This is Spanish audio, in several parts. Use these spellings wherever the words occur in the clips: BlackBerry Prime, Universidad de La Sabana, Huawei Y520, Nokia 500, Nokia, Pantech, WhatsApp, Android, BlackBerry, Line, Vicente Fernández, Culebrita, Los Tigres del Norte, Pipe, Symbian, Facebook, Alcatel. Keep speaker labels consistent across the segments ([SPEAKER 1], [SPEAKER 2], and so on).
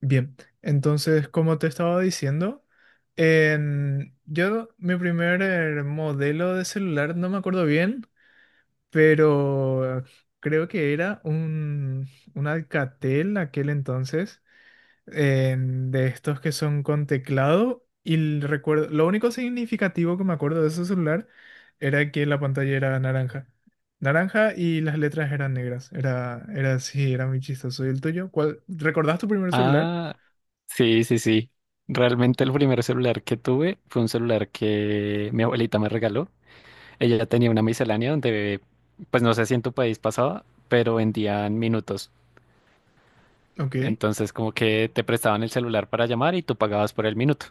[SPEAKER 1] Bien, entonces, como te estaba diciendo, yo mi primer modelo de celular no me acuerdo bien, pero creo que era un Alcatel aquel entonces, en- de estos que son con teclado. Y el recuerdo, lo único significativo que me acuerdo de ese celular era que la pantalla era naranja. Naranja y las letras eran negras. Era así, era muy chistoso. ¿Y el tuyo? ¿Cuál? ¿Recordás tu primer celular?
[SPEAKER 2] Ah, sí, sí, sí. Realmente el primer celular que tuve fue un celular que mi abuelita me regaló. Ella ya tenía una miscelánea donde, pues no sé si en tu país pasaba, pero vendían minutos.
[SPEAKER 1] Ok.
[SPEAKER 2] Entonces como que te prestaban el celular para llamar y tú pagabas por el minuto.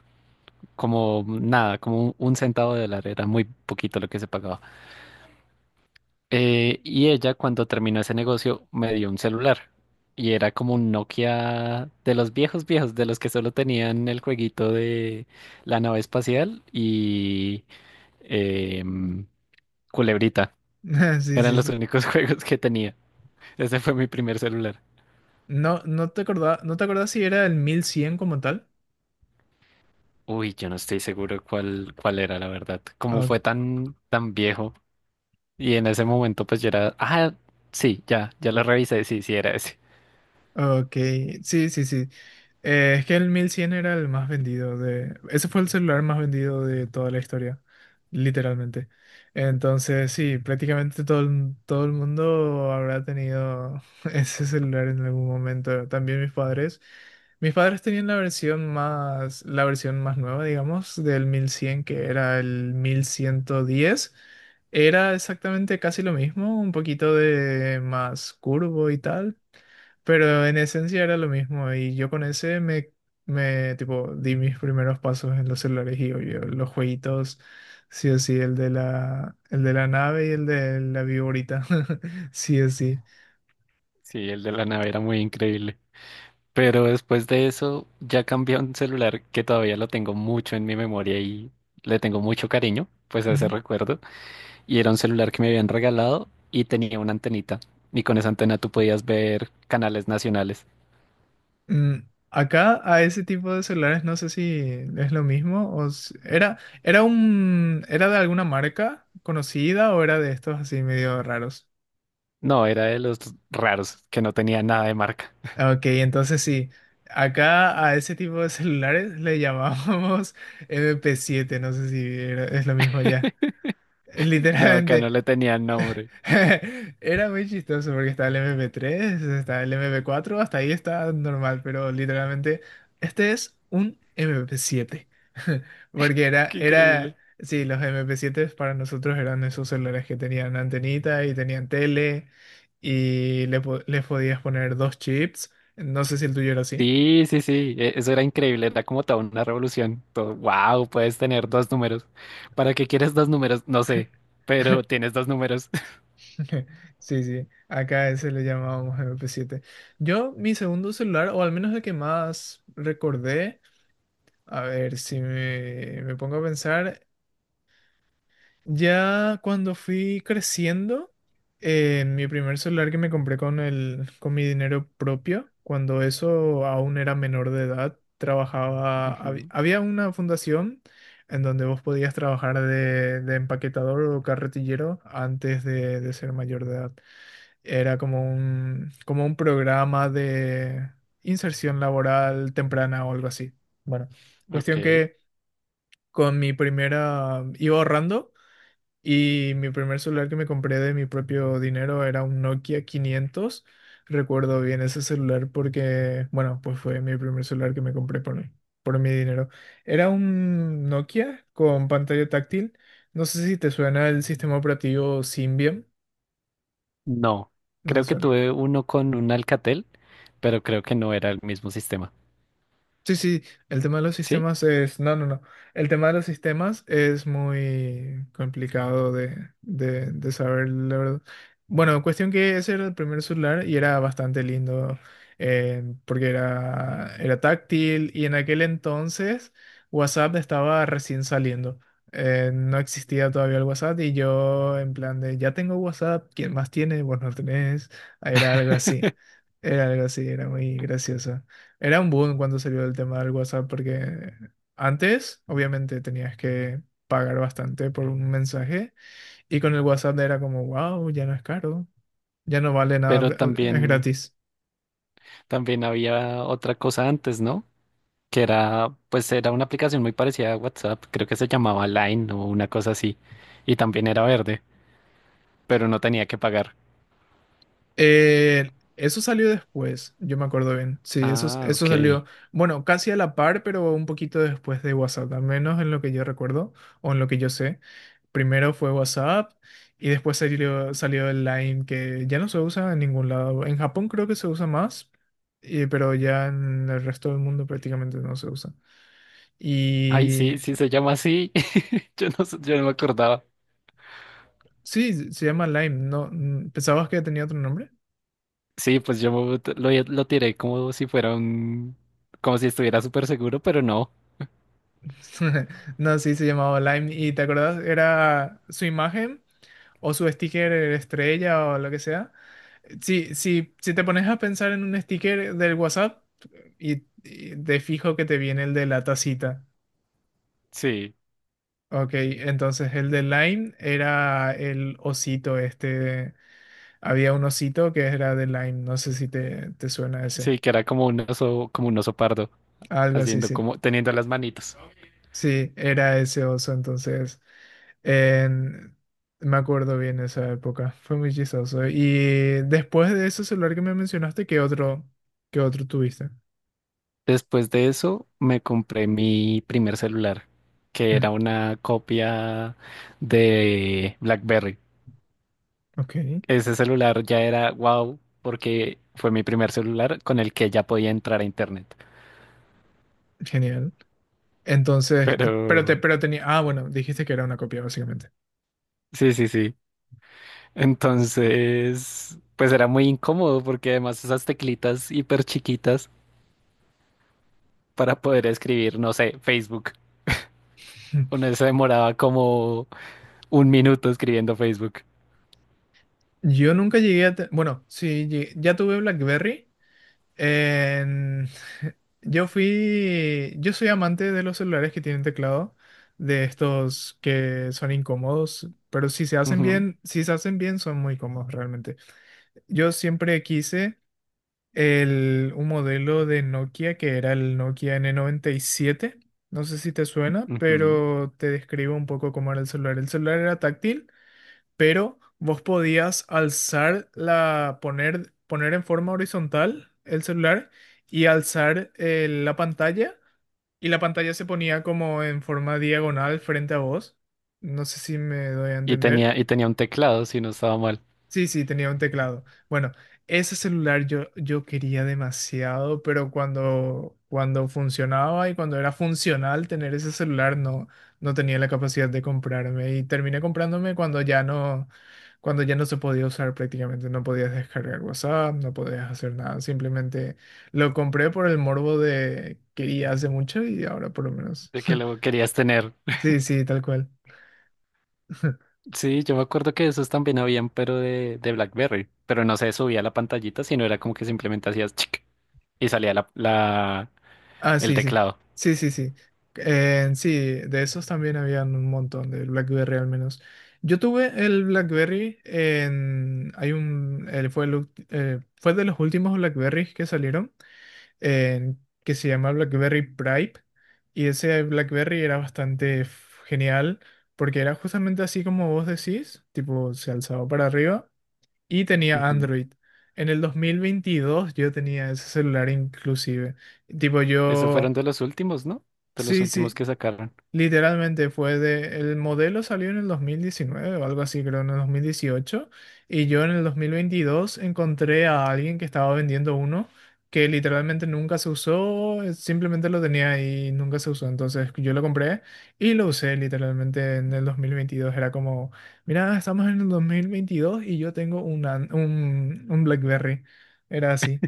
[SPEAKER 2] Como nada, como un centavo de dólar, era muy poquito lo que se pagaba. Y ella cuando terminó ese negocio me dio un celular y era como un Nokia de los viejos viejos, de los que solo tenían el jueguito de la nave espacial y em, Culebrita.
[SPEAKER 1] Sí,
[SPEAKER 2] Eran
[SPEAKER 1] sí,
[SPEAKER 2] los
[SPEAKER 1] sí.
[SPEAKER 2] únicos juegos que tenía. Ese fue mi primer celular.
[SPEAKER 1] No te acordaba, no te acordás si era el 1100 como tal.
[SPEAKER 2] Uy, yo no estoy seguro cuál era, la verdad. Como
[SPEAKER 1] Ok.
[SPEAKER 2] fue tan, tan viejo y en ese momento pues yo era, ah, sí, ya, ya lo revisé, sí, sí era ese.
[SPEAKER 1] Ok, sí, sí, sí. Es que el 1100 era el más vendido de... Ese fue el celular más vendido de toda la historia, literalmente. Entonces, sí, prácticamente todo el mundo habrá tenido ese celular en algún momento. También mis padres. Mis padres tenían la versión más nueva, digamos, del 1100 que era el 1110. Era exactamente casi lo mismo, un poquito de más curvo y tal, pero en esencia era lo mismo y yo con ese me tipo di mis primeros pasos en los celulares y obvio, los jueguitos, sí o sí, el de la nave y el de la viborita, sí o sí.
[SPEAKER 2] Sí, el de la nave era muy increíble. Pero después de eso ya cambié a un celular que todavía lo tengo mucho en mi memoria y le tengo mucho cariño, pues a ese
[SPEAKER 1] Ujú.
[SPEAKER 2] recuerdo. Y era un celular que me habían regalado y tenía una antenita. Y con esa antena tú podías ver canales nacionales.
[SPEAKER 1] Mm, acá a ese tipo de celulares no sé si es lo mismo o era, era era de alguna marca conocida o era de estos así medio raros.
[SPEAKER 2] No, era de los raros que no tenía nada de marca.
[SPEAKER 1] Ok, entonces sí, acá a ese tipo de celulares le llamábamos mp siete, no sé si es lo mismo ya.
[SPEAKER 2] No, acá no
[SPEAKER 1] Literalmente,
[SPEAKER 2] le tenían nombre.
[SPEAKER 1] era muy chistoso porque estaba el mp tres, estaba el mp cuatro, hasta ahí está normal, pero literalmente este es un mp siete. Porque
[SPEAKER 2] Qué increíble.
[SPEAKER 1] sí, los mp siete para nosotros eran esos celulares que tenían antenita y tenían tele y les podías poner dos chips. No sé si el tuyo era así.
[SPEAKER 2] Sí, sí, sí, eso era increíble, era como toda una revolución. Todo, wow, puedes tener dos números. ¿Para qué quieres dos números? No sé, pero tienes dos números.
[SPEAKER 1] Sí, sí, acá ese le llamábamos mp siete. Yo, mi segundo celular, o al menos el que más recordé, a ver, si me pongo a pensar, ya cuando fui creciendo, mi primer celular que me compré con mi dinero propio, cuando eso aún era menor de edad, trabajaba, había una fundación en donde vos podías trabajar de empaquetador o carretillero antes de ser mayor de edad. Era como como un programa de inserción laboral temprana o algo así. Bueno, cuestión
[SPEAKER 2] Ok.
[SPEAKER 1] que con mi primera, iba ahorrando y mi primer celular que me compré de mi propio dinero era un Nokia 500. Recuerdo bien ese celular porque, bueno, pues fue mi primer celular que me compré por por mi dinero. Era un Nokia con pantalla táctil. No sé si te suena el sistema operativo Symbian.
[SPEAKER 2] No.
[SPEAKER 1] No te
[SPEAKER 2] Creo que
[SPEAKER 1] suena.
[SPEAKER 2] tuve uno con un Alcatel, pero creo que no era el mismo sistema.
[SPEAKER 1] Sí, sí, el tema de los
[SPEAKER 2] ¿Sí?
[SPEAKER 1] sistemas es... No, no, no. El tema de los sistemas es muy complicado de saber, la verdad. Bueno, cuestión que ese era el primer celular y era bastante lindo, porque era táctil y en aquel entonces WhatsApp estaba recién saliendo. No existía todavía el WhatsApp y yo en plan de, ya tengo WhatsApp, ¿quién más tiene? Vos no tenés. Era algo así. Era algo así, era muy gracioso. Era un boom cuando salió el tema del WhatsApp, porque antes, obviamente, tenías que pagar bastante por un mensaje y con el WhatsApp era como, wow, ya no es caro, ya no vale nada,
[SPEAKER 2] Pero
[SPEAKER 1] es
[SPEAKER 2] también,
[SPEAKER 1] gratis.
[SPEAKER 2] también había otra cosa antes, ¿no? Que era, pues era una aplicación muy parecida a WhatsApp. Creo que se llamaba Line o una cosa así. Y también era verde, pero no tenía que pagar.
[SPEAKER 1] Eso salió después, yo me acuerdo bien. Sí,
[SPEAKER 2] Ah,
[SPEAKER 1] eso
[SPEAKER 2] ok.
[SPEAKER 1] salió, bueno, casi a la par, pero un poquito después de WhatsApp, al menos en lo que yo recuerdo o en lo que yo sé. Primero fue WhatsApp y después salió el Line, que ya no se usa en ningún lado. En Japón creo que se usa más, pero ya en el resto del mundo prácticamente no se usa.
[SPEAKER 2] Ay,
[SPEAKER 1] Y
[SPEAKER 2] sí, sí se llama así. Yo no, yo no me acordaba.
[SPEAKER 1] sí, se llama Line, ¿no? ¿Pensabas que tenía otro nombre?
[SPEAKER 2] Sí, pues yo me- lo tiré como si fuera un, como si estuviera súper seguro, pero no.
[SPEAKER 1] No, sí, se llamaba Lime. ¿Y te acordás? Era su imagen o su sticker estrella o lo que sea. Si, si, si te pones a pensar en un sticker del WhatsApp y de fijo que te viene el de la tacita.
[SPEAKER 2] Sí.
[SPEAKER 1] Ok, entonces el de Line era el osito este. Había un osito que era de Line, no sé si te suena ese.
[SPEAKER 2] Sí, que era como un oso pardo,
[SPEAKER 1] Algo así,
[SPEAKER 2] haciendo
[SPEAKER 1] sí.
[SPEAKER 2] como, teniendo las manitos.
[SPEAKER 1] Sí, era ese oso, entonces en- me acuerdo bien esa época, fue muy chistoso. Y después de ese celular que me mencionaste, ¿qué otro tuviste?
[SPEAKER 2] Después de eso, me compré mi primer celular, que era
[SPEAKER 1] Mm,
[SPEAKER 2] una copia de BlackBerry.
[SPEAKER 1] ok,
[SPEAKER 2] Ese celular ya era wow, porque fue mi primer celular con el que ya podía entrar a internet.
[SPEAKER 1] genial. Entonces,
[SPEAKER 2] Pero
[SPEAKER 1] ¿qué- pero te, pero tenía, ah, bueno, dijiste que era una copia básicamente.
[SPEAKER 2] sí, sí, sí. Entonces, pues era muy incómodo porque además esas teclitas hiper chiquitas para poder escribir, no sé, Facebook. Uno se demoraba como un minuto escribiendo Facebook.
[SPEAKER 1] Yo nunca llegué a, bueno, sí, llegué- ya tuve BlackBerry. En- Yo fui, yo soy amante de los celulares que tienen teclado, de estos que son incómodos, pero si se hacen
[SPEAKER 2] Ujú,
[SPEAKER 1] bien, si se hacen bien son muy cómodos realmente. Yo siempre quise un modelo de Nokia que era el Nokia n 97. No sé si te suena,
[SPEAKER 2] ujú.
[SPEAKER 1] pero te describo un poco cómo era el celular. El celular era táctil pero vos podías alzar poner en forma horizontal el celular y alzar la pantalla y la pantalla se ponía como en forma diagonal frente a vos. No sé si me doy a
[SPEAKER 2] Y
[SPEAKER 1] entender.
[SPEAKER 2] tenía, y tenía un teclado, si no estaba mal,
[SPEAKER 1] Sí, sí, tenía un teclado. Bueno, ese celular yo quería demasiado, pero cuando funcionaba y cuando era funcional tener ese celular, no, no tenía la capacidad de comprarme. Y terminé comprándome cuando ya no se podía usar prácticamente. No podías descargar WhatsApp, no podías hacer nada. Simplemente lo compré por el morbo de quería hace mucho y ahora por lo menos.
[SPEAKER 2] de que lo querías tener.
[SPEAKER 1] Sí, sí, tal cual.
[SPEAKER 2] Sí, yo me acuerdo que esos también habían, pero de BlackBerry. Pero no se subía la pantallita, sino era como que simplemente hacías chic y salía la, la,
[SPEAKER 1] Ah,
[SPEAKER 2] el
[SPEAKER 1] sí, sí.
[SPEAKER 2] teclado.
[SPEAKER 1] Sí, sí, sí. Sí, de esos también habían un montón, de BlackBerry al menos. Yo tuve el BlackBerry en... Hay un... él fue, el fue de los últimos BlackBerrys que salieron, que se llama BlackBerry Prime. Y ese BlackBerry era bastante genial, porque era justamente así como vos decís, tipo se alzaba para arriba y tenía
[SPEAKER 2] Ujú.
[SPEAKER 1] Android. En el 2022 yo tenía ese celular inclusive. Tipo
[SPEAKER 2] Esos fueron
[SPEAKER 1] yo...
[SPEAKER 2] de los últimos, ¿no? De los
[SPEAKER 1] Sí,
[SPEAKER 2] últimos
[SPEAKER 1] sí,
[SPEAKER 2] que sacaron.
[SPEAKER 1] literalmente fue de... El modelo salió en el 2019 o algo así, creo, en el 2018. Y yo en el 2022 encontré a alguien que estaba vendiendo uno que literalmente nunca se usó, simplemente lo tenía ahí y nunca se usó. Entonces yo lo compré y lo usé literalmente en el 2022. Era como, mira, estamos en el 2022 y yo tengo un BlackBerry. Era así.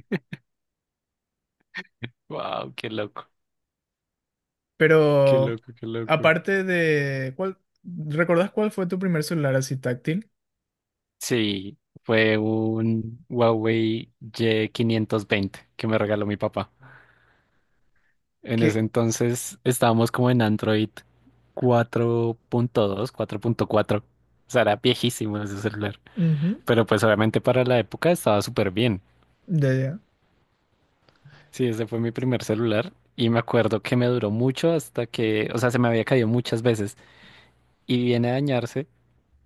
[SPEAKER 2] Wow, qué loco, qué
[SPEAKER 1] Pero
[SPEAKER 2] loco, qué loco.
[SPEAKER 1] aparte de ¿recordás cuál fue tu primer celular así táctil?
[SPEAKER 2] Sí, fue un Huawei Y520 que me regaló mi papá. En ese
[SPEAKER 1] Que
[SPEAKER 2] entonces estábamos como en Android 4.2, cuatro punto cuatro. O sea, era viejísimo ese celular.
[SPEAKER 1] ujú,
[SPEAKER 2] Pero pues obviamente para la época estaba súper bien.
[SPEAKER 1] ya ya.
[SPEAKER 2] Sí, ese fue mi primer celular y me acuerdo que me duró mucho hasta que, o sea, se me había caído muchas veces y viene a dañarse.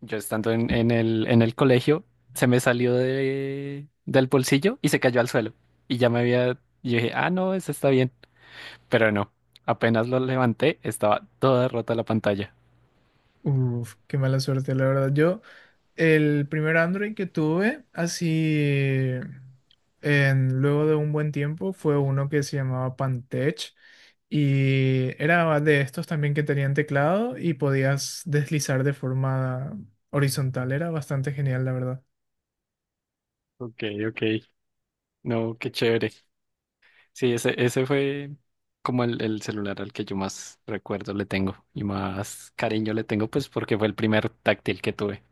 [SPEAKER 2] Yo estando en el colegio, se me salió de, del bolsillo y se cayó al suelo. Y ya me había, yo dije, ah, no, ese está bien. Pero no, apenas lo levanté, estaba toda rota la pantalla.
[SPEAKER 1] Uf, qué mala suerte, la verdad. Yo el primer Android que tuve así en- luego de un buen tiempo fue uno que se llamaba Pantech y era de estos también que tenían teclado y podías deslizar de forma horizontal. Era bastante genial, la verdad.
[SPEAKER 2] Ok, ok. No, qué chévere. Sí, ese fue como el celular al que yo más recuerdo le tengo y más cariño le tengo, pues porque fue el primer táctil que tuve.